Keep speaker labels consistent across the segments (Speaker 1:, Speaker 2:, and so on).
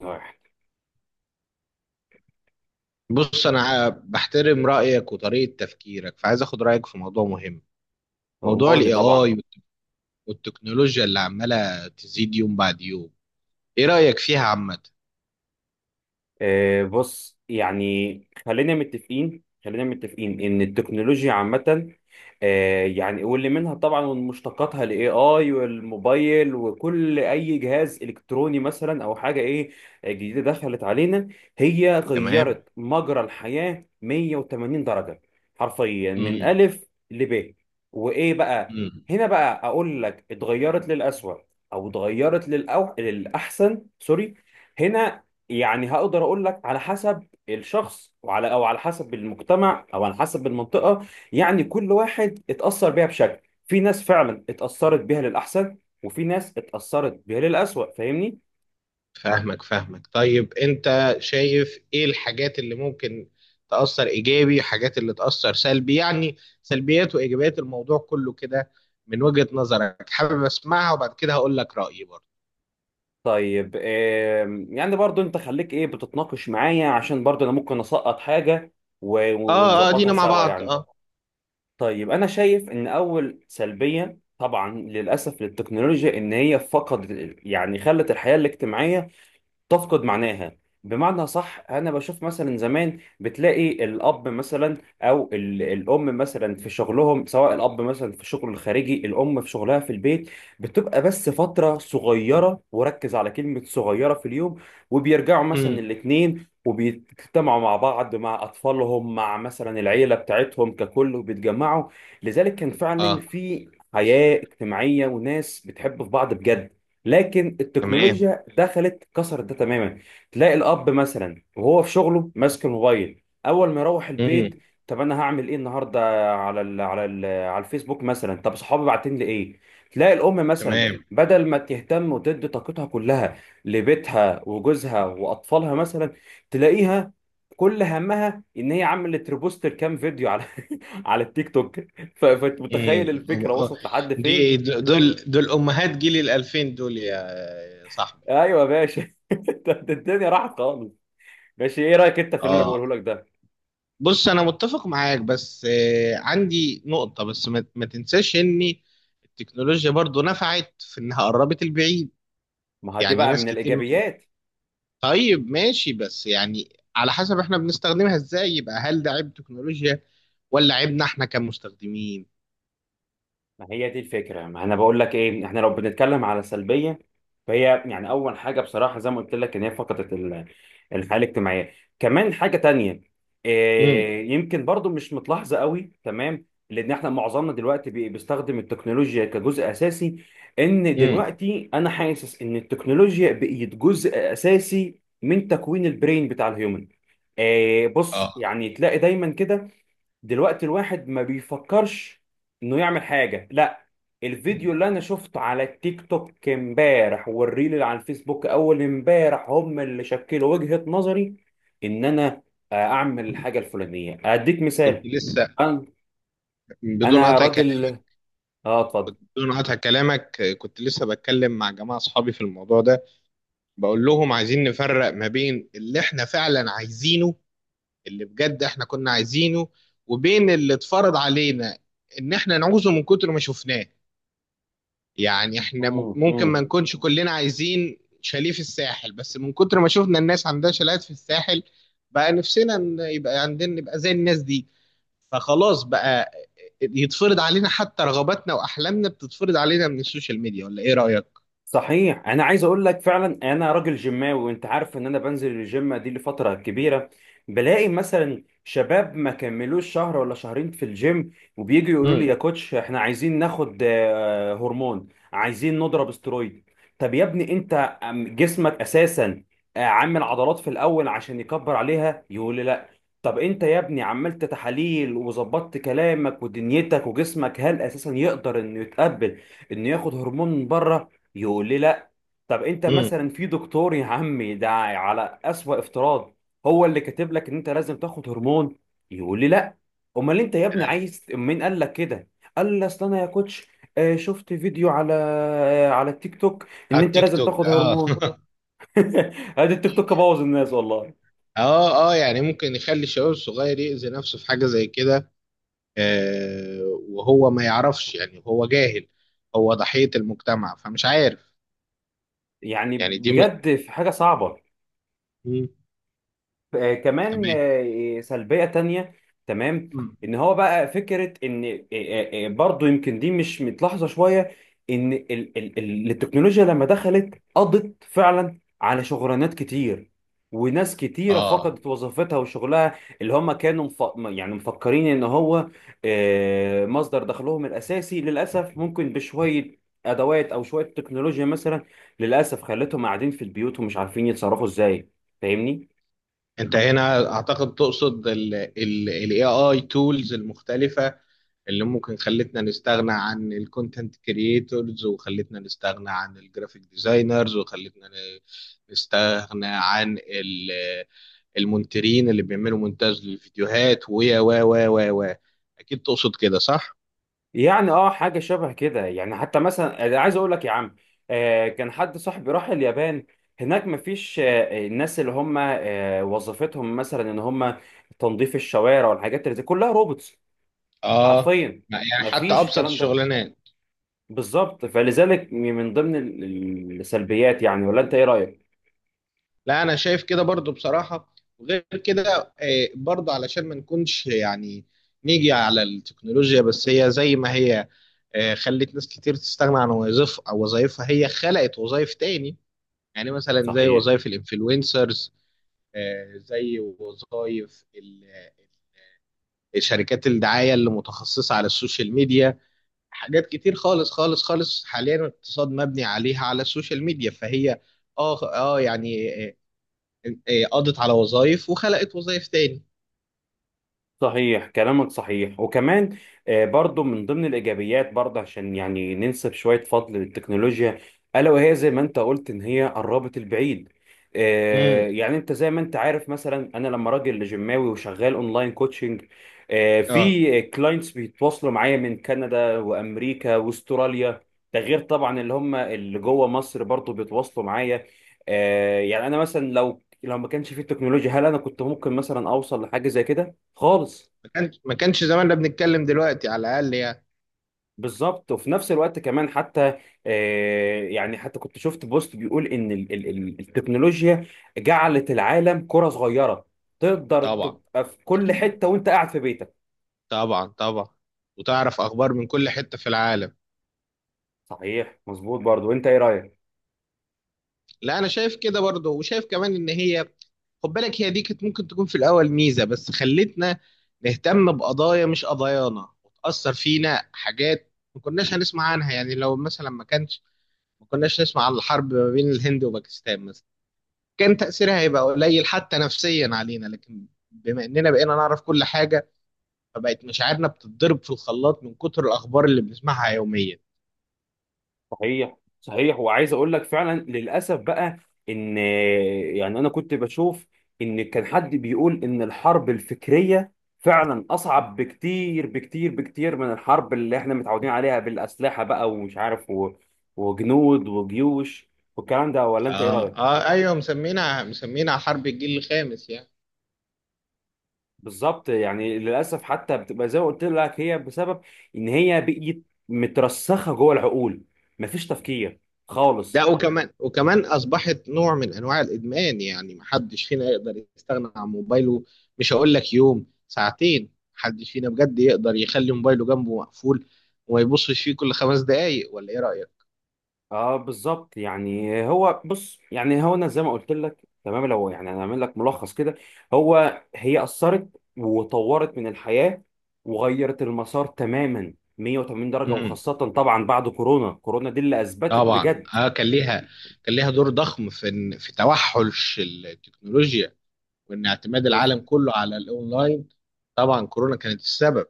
Speaker 1: واحد.
Speaker 2: بص انا بحترم رايك وطريقه تفكيرك فعايز اخد رايك في موضوع مهم.
Speaker 1: هو
Speaker 2: موضوع
Speaker 1: أمرني
Speaker 2: الاي
Speaker 1: طبعا.
Speaker 2: اي والتكنولوجيا اللي عماله تزيد يوم بعد يوم. ايه رايك فيها عامه؟
Speaker 1: بص يعني، خلينا متفقين ان التكنولوجيا عامة. يعني، واللي منها طبعا ومشتقاتها الاي اي والموبايل وكل اي جهاز الكتروني مثلا او حاجة ايه جديدة دخلت علينا. هي
Speaker 2: تمام.
Speaker 1: غيرت مجرى الحياة 180 درجة، حرفيا من
Speaker 2: امم
Speaker 1: الف لب. وايه بقى؟
Speaker 2: امم
Speaker 1: هنا بقى اقول لك اتغيرت للأسوأ او اتغيرت للأحسن، سوري. هنا يعني هقدر اقول لك على حسب الشخص وعلى او على حسب المجتمع او على حسب المنطقه. يعني كل واحد اتاثر بيها بشكل، في ناس فعلا اتاثرت بيها للاحسن، وفي ناس اتاثرت بيها للاسوء، فاهمني؟
Speaker 2: فاهمك فاهمك. طيب انت شايف ايه الحاجات اللي ممكن تاثر ايجابي، حاجات اللي تاثر سلبي؟ يعني سلبيات وايجابيات الموضوع كله كده من وجهه نظرك، حابب اسمعها وبعد كده هقول لك رايي برضه.
Speaker 1: طيب يعني برضو انت خليك ايه بتتناقش معايا، عشان برضو انا ممكن اسقط حاجه
Speaker 2: اه اه،
Speaker 1: ونظبطها
Speaker 2: دينا مع
Speaker 1: سوا
Speaker 2: بعض
Speaker 1: يعني.
Speaker 2: اه.
Speaker 1: طيب، انا شايف ان اول سلبيه طبعا للاسف للتكنولوجيا ان هي فقدت، يعني خلت الحياه الاجتماعيه تفقد معناها. بمعنى، صح، انا بشوف مثلا زمان بتلاقي الاب مثلا الام مثلا في شغلهم، سواء الاب مثلا في شغله الخارجي، الام في شغلها في البيت، بتبقى بس فتره صغيره، وركز على كلمه صغيره، في اليوم. وبيرجعوا مثلا
Speaker 2: امم
Speaker 1: الاتنين وبيجتمعوا مع بعض، مع اطفالهم، مع مثلا العيله بتاعتهم ككل، وبيتجمعوا. لذلك كان فعلا
Speaker 2: اه،
Speaker 1: في حياه اجتماعيه، وناس بتحب في بعض بجد. لكن
Speaker 2: تمام.
Speaker 1: التكنولوجيا دخلت كسرت ده تماما. تلاقي الاب مثلا وهو في شغله ماسك الموبايل، اول ما يروح
Speaker 2: مم.
Speaker 1: البيت، طب انا هعمل ايه النهارده؟ على الفيسبوك مثلا. طب صحابي باعتين لي ايه؟ تلاقي الام مثلا،
Speaker 2: تمام.
Speaker 1: بدل ما تهتم وتدي طاقتها كلها لبيتها وجوزها واطفالها مثلا، تلاقيها كل همها ان هي عملت ريبوست كام فيديو على على التيك توك.
Speaker 2: امم
Speaker 1: فمتخيل الفكره وصلت لحد
Speaker 2: دي
Speaker 1: فين؟
Speaker 2: دول، دول امهات جيل الالفين دول يا صاحبي.
Speaker 1: ايوه يا باشا، ده الدنيا راحت خالص. ماشي، ايه رايك انت في اللي انا
Speaker 2: اه،
Speaker 1: بقوله لك ده؟
Speaker 2: بص انا متفق معاك بس عندي نقطة، بس ما تنساش ان التكنولوجيا برضو نفعت في انها قربت البعيد.
Speaker 1: ما هو دي
Speaker 2: يعني
Speaker 1: بقى
Speaker 2: ناس
Speaker 1: من
Speaker 2: كتير بتقول
Speaker 1: الايجابيات.
Speaker 2: طيب ماشي، بس يعني على حسب احنا بنستخدمها ازاي، يبقى هل ده عيب تكنولوجيا ولا عيبنا احنا كمستخدمين؟
Speaker 1: ما هي دي الفكرة، ما انا بقول لك ايه، احنا لو بنتكلم على سلبية فهي، يعني اول حاجة بصراحة زي ما قلت لك، ان هي فقدت الحياة الاجتماعية. كمان حاجة تانية،
Speaker 2: امم
Speaker 1: إيه، يمكن برضو مش متلاحظة قوي، تمام، لان احنا معظمنا دلوقتي بيستخدم التكنولوجيا كجزء اساسي. ان
Speaker 2: امم
Speaker 1: دلوقتي انا حاسس ان التكنولوجيا بقت جزء اساسي من تكوين البرين بتاع الهيومن. إيه بص،
Speaker 2: اه،
Speaker 1: يعني تلاقي دايما كده دلوقتي الواحد ما بيفكرش انه يعمل حاجه، لا، الفيديو اللي انا شفته على التيك توك امبارح والريل اللي على الفيسبوك اول امبارح هم اللي شكلوا وجهة نظري ان انا اعمل الحاجه الفلانيه. اديك
Speaker 2: كنت
Speaker 1: مثال،
Speaker 2: لسه
Speaker 1: انا
Speaker 2: بدون
Speaker 1: انا
Speaker 2: قطع
Speaker 1: راجل. اه، اتفضل.
Speaker 2: بدون قطع كلامك. كنت لسه بتكلم مع جماعة أصحابي في الموضوع ده، بقول لهم عايزين نفرق ما بين اللي إحنا فعلا عايزينه، اللي بجد إحنا كنا عايزينه، وبين اللي اتفرض علينا إن إحنا نعوزه من كتر ما شفناه. يعني إحنا ممكن ما
Speaker 1: مم.
Speaker 2: نكونش كلنا عايزين شاليه في الساحل، بس من كتر ما شفنا الناس عندها شاليهات في الساحل بقى نفسنا إن يبقى عندنا، نبقى زي الناس دي. فخلاص بقى، يتفرض علينا حتى رغباتنا وأحلامنا بتتفرض علينا من السوشيال ميديا، ولا إيه رأيك؟
Speaker 1: صحيح، انا عايز اقول لك فعلا انا راجل جيماوي، وانت عارف ان انا بنزل الجيم دي لفتره كبيره. بلاقي مثلا شباب ما كملوش شهر ولا شهرين في الجيم، وبييجوا يقولوا لي
Speaker 2: امم
Speaker 1: يا كوتش احنا عايزين ناخد هرمون، عايزين نضرب استرويد. طب يا ابني انت، جسمك اساسا عامل عضلات في الاول عشان يكبر عليها؟ يقول لي لا. طب انت يا ابني عملت تحاليل وظبطت كلامك ودنيتك وجسمك، هل اساسا يقدر انه يتقبل انه ياخد هرمون من بره؟ يقول لي لا. طب انت
Speaker 2: امم،
Speaker 1: مثلا في دكتور يا عمي، ده على اسوأ افتراض، هو اللي كاتب لك ان انت لازم تاخد هرمون؟ يقول لي لا. امال انت يا ابني عايز، مين قال لك كده؟ قال لي اصل انا يا كوتش شفت فيديو على على التيك توك ان
Speaker 2: على
Speaker 1: انت
Speaker 2: التيك
Speaker 1: لازم
Speaker 2: توك
Speaker 1: تاخد
Speaker 2: اه
Speaker 1: هرمون. ادي التيك توك بوظ الناس والله.
Speaker 2: اه اه، يعني ممكن يخلي الشباب الصغير يأذي نفسه في حاجة زي كده. آه، وهو ما يعرفش، يعني هو جاهل، هو ضحية المجتمع فمش عارف.
Speaker 1: يعني
Speaker 2: يعني دي من...
Speaker 1: بجد في حاجة صعبة.
Speaker 2: مم.
Speaker 1: كمان
Speaker 2: تمام.
Speaker 1: سلبية تانية. تمام.
Speaker 2: مم.
Speaker 1: ان هو بقى فكرة ان برضو، يمكن دي مش متلاحظة شوية، ان التكنولوجيا لما دخلت قضت فعلا على شغلانات كتير. وناس كتيرة
Speaker 2: اه،
Speaker 1: فقدت وظيفتها وشغلها، اللي هم كانوا يعني مفكرين ان هو مصدر دخلهم الاساسي. للأسف ممكن بشوية ادوات او شوية تكنولوجيا مثلا، للأسف، خلتهم قاعدين في البيوت ومش عارفين يتصرفوا ازاي، فاهمني؟
Speaker 2: انت هنا اعتقد تقصد ال AI tools المختلفة، اللي ممكن خلتنا نستغنى عن الكونتنت كرييتورز، وخلتنا نستغنى عن الجرافيك ديزاينرز، وخلتنا نستغنى عن المونترين اللي بيعملوا مونتاج للفيديوهات، ويا و اكيد تقصد كده صح؟
Speaker 1: يعني اه حاجه شبه كده. يعني حتى مثلا أنا عايز اقول لك يا عم، كان حد صاحبي راح اليابان، هناك مفيش الناس اللي هم وظيفتهم مثلا ان هم تنظيف الشوارع والحاجات اللي زي، كلها روبوتس،
Speaker 2: اه،
Speaker 1: حرفيا،
Speaker 2: يعني حتى
Speaker 1: مفيش
Speaker 2: ابسط
Speaker 1: الكلام ده.
Speaker 2: الشغلانات.
Speaker 1: بالظبط، فلذلك من ضمن السلبيات يعني، ولا انت ايه رايك؟
Speaker 2: لا انا شايف كده برضو بصراحه. وغير كده برضو علشان ما نكونش يعني نيجي على التكنولوجيا بس هي زي ما هي. خلت ناس كتير تستغنى عن وظائف او وظائفها، هي خلقت وظائف تاني. يعني مثلا زي
Speaker 1: صحيح،
Speaker 2: وظائف الانفلونسرز، زي وظائف شركات الدعايه اللي متخصصه على السوشيال ميديا. حاجات كتير خالص خالص خالص، حاليا الاقتصاد مبني عليها على السوشيال ميديا، فهي اه اه، يعني إيه، قضت على وظائف وخلقت وظائف تاني.
Speaker 1: صحيح كلامك، صحيح. وكمان برضو من ضمن الإيجابيات برضه، عشان يعني ننسب شوية فضل للتكنولوجيا، ألا وهي زي ما أنت قلت إن هي قربت البعيد.
Speaker 2: امم
Speaker 1: يعني أنت زي ما أنت عارف، مثلا أنا لما راجل جيماوي وشغال أونلاين كوتشنج،
Speaker 2: اه،
Speaker 1: في كلاينتس بيتواصلوا معايا من كندا وأمريكا وأستراليا، ده غير طبعا اللي هم اللي جوه مصر برضو بيتواصلوا معايا. يعني أنا مثلا لو ما كانش في التكنولوجيا، هل أنا كنت ممكن مثلا أوصل لحاجة زي كده؟ خالص.
Speaker 2: ما كانش ما كانش زماننا بنتكلم دلوقتي على الاقل يعني.
Speaker 1: بالظبط. وفي نفس الوقت كمان، حتى يعني حتى كنت شفت بوست بيقول ان التكنولوجيا جعلت العالم كرة صغيرة، تقدر
Speaker 2: طبعا
Speaker 1: تبقى في كل حتة وانت قاعد في بيتك.
Speaker 2: طبعا طبعا، وتعرف اخبار من كل حته في العالم.
Speaker 1: صحيح، مظبوط. برضو انت ايه رأيك؟
Speaker 2: لا انا شايف كده برضه، وشايف كمان ان هي، خد بالك، هي دي كانت ممكن تكون في الاول ميزه، بس خلتنا نهتم بقضايا مش قضايانا، وتاثر فينا حاجات ما كناش هنسمع عنها. يعني لو مثلا ما كانش، ما كناش نسمع عن الحرب ما بين الهند وباكستان مثلا، كان تأثيرها هيبقى قليل حتى نفسيا علينا، لكن بما إننا بقينا نعرف كل حاجة فبقت مشاعرنا بتتضرب في الخلاط من كتر الأخبار اللي بنسمعها يوميا.
Speaker 1: صحيح، صحيح. وعايز اقول لك فعلا للاسف بقى، ان، يعني انا كنت بشوف ان كان حد بيقول ان الحرب الفكريه فعلا اصعب بكتير بكتير بكتير من الحرب اللي احنا متعودين عليها، بالاسلحه بقى ومش عارف وجنود وجيوش والكلام ده، ولا انت ايه
Speaker 2: آه
Speaker 1: رايك؟
Speaker 2: آه أيوه، مسمينا مسمينا حرب الجيل الخامس يعني.
Speaker 1: بالظبط، يعني للاسف، حتى بتبقى زي ما قلت لك، هي بسبب ان هي بقيت مترسخه جوه العقول، مفيش تفكير خالص.
Speaker 2: ده وكمان وكمان أصبحت نوع من أنواع الإدمان، يعني محدش فينا يقدر يستغنى عن موبايله. مش هقول لك يوم، ساعتين، محدش فينا بجد يقدر يخلي موبايله جنبه مقفول وما يبصش فيه كل خمس دقايق، ولا إيه رأيك؟
Speaker 1: اه، بالظبط. يعني هو بص، يعني هو انا زي ما قلت لك تمام، لو يعني انا اعمل لك ملخص كده، هو هي اثرت وطورت من الحياه وغيرت المسار تماما 180 درجه، وخاصه طبعا بعد كورونا. كورونا دي اللي اثبتت
Speaker 2: طبعا
Speaker 1: بجد.
Speaker 2: اه، كان ليها كان ليها دور ضخم في في توحش التكنولوجيا، وان اعتماد
Speaker 1: بز-
Speaker 2: العالم كله على الاونلاين. طبعا كورونا كانت السبب.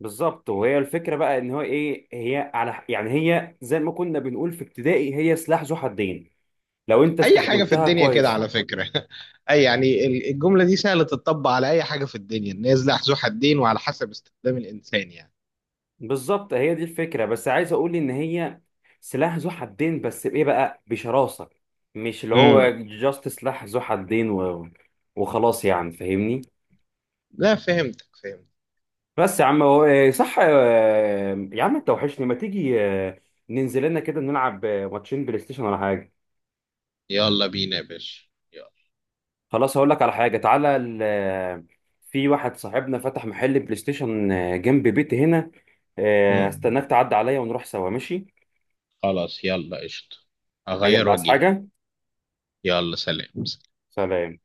Speaker 1: بالظبط. وهي الفكره بقى ان هو ايه، هي على، يعني هي زي ما كنا بنقول في ابتدائي، هي سلاح ذو حدين، لو انت
Speaker 2: اي حاجه في
Speaker 1: استخدمتها
Speaker 2: الدنيا كده
Speaker 1: كويس.
Speaker 2: على فكره اي يعني الجمله دي سهله تطبق على اي حاجه في الدنيا، الناس لها ذو حدين وعلى حسب استخدام الانسان يعني.
Speaker 1: بالظبط، هي دي الفكرة. بس عايز اقول ان هي سلاح ذو حدين، بس بايه بقى؟ بشراسة. مش اللي
Speaker 2: امم
Speaker 1: هو جاست سلاح ذو حدين وخلاص يعني، فاهمني؟
Speaker 2: لا فهمتك فهمت.
Speaker 1: بس يا عم، هو صح، يا عم انت وحشني، ما تيجي ننزل لنا كده نلعب ماتشين بلاي ستيشن ولا حاجة؟
Speaker 2: يلا بينا يا باشا، يلا.
Speaker 1: خلاص، هقول لك على حاجة، تعالى ال... آه، في واحد صاحبنا فتح محل بلاي ستيشن جنب بيتي هنا.
Speaker 2: امم
Speaker 1: هستناك تعدي عليا ونروح سوا، ماشي؟
Speaker 2: خلاص يلا قشطه، هغير
Speaker 1: يلا، عايز
Speaker 2: واجيلك.
Speaker 1: حاجة؟
Speaker 2: يلا، سلام.
Speaker 1: سلام.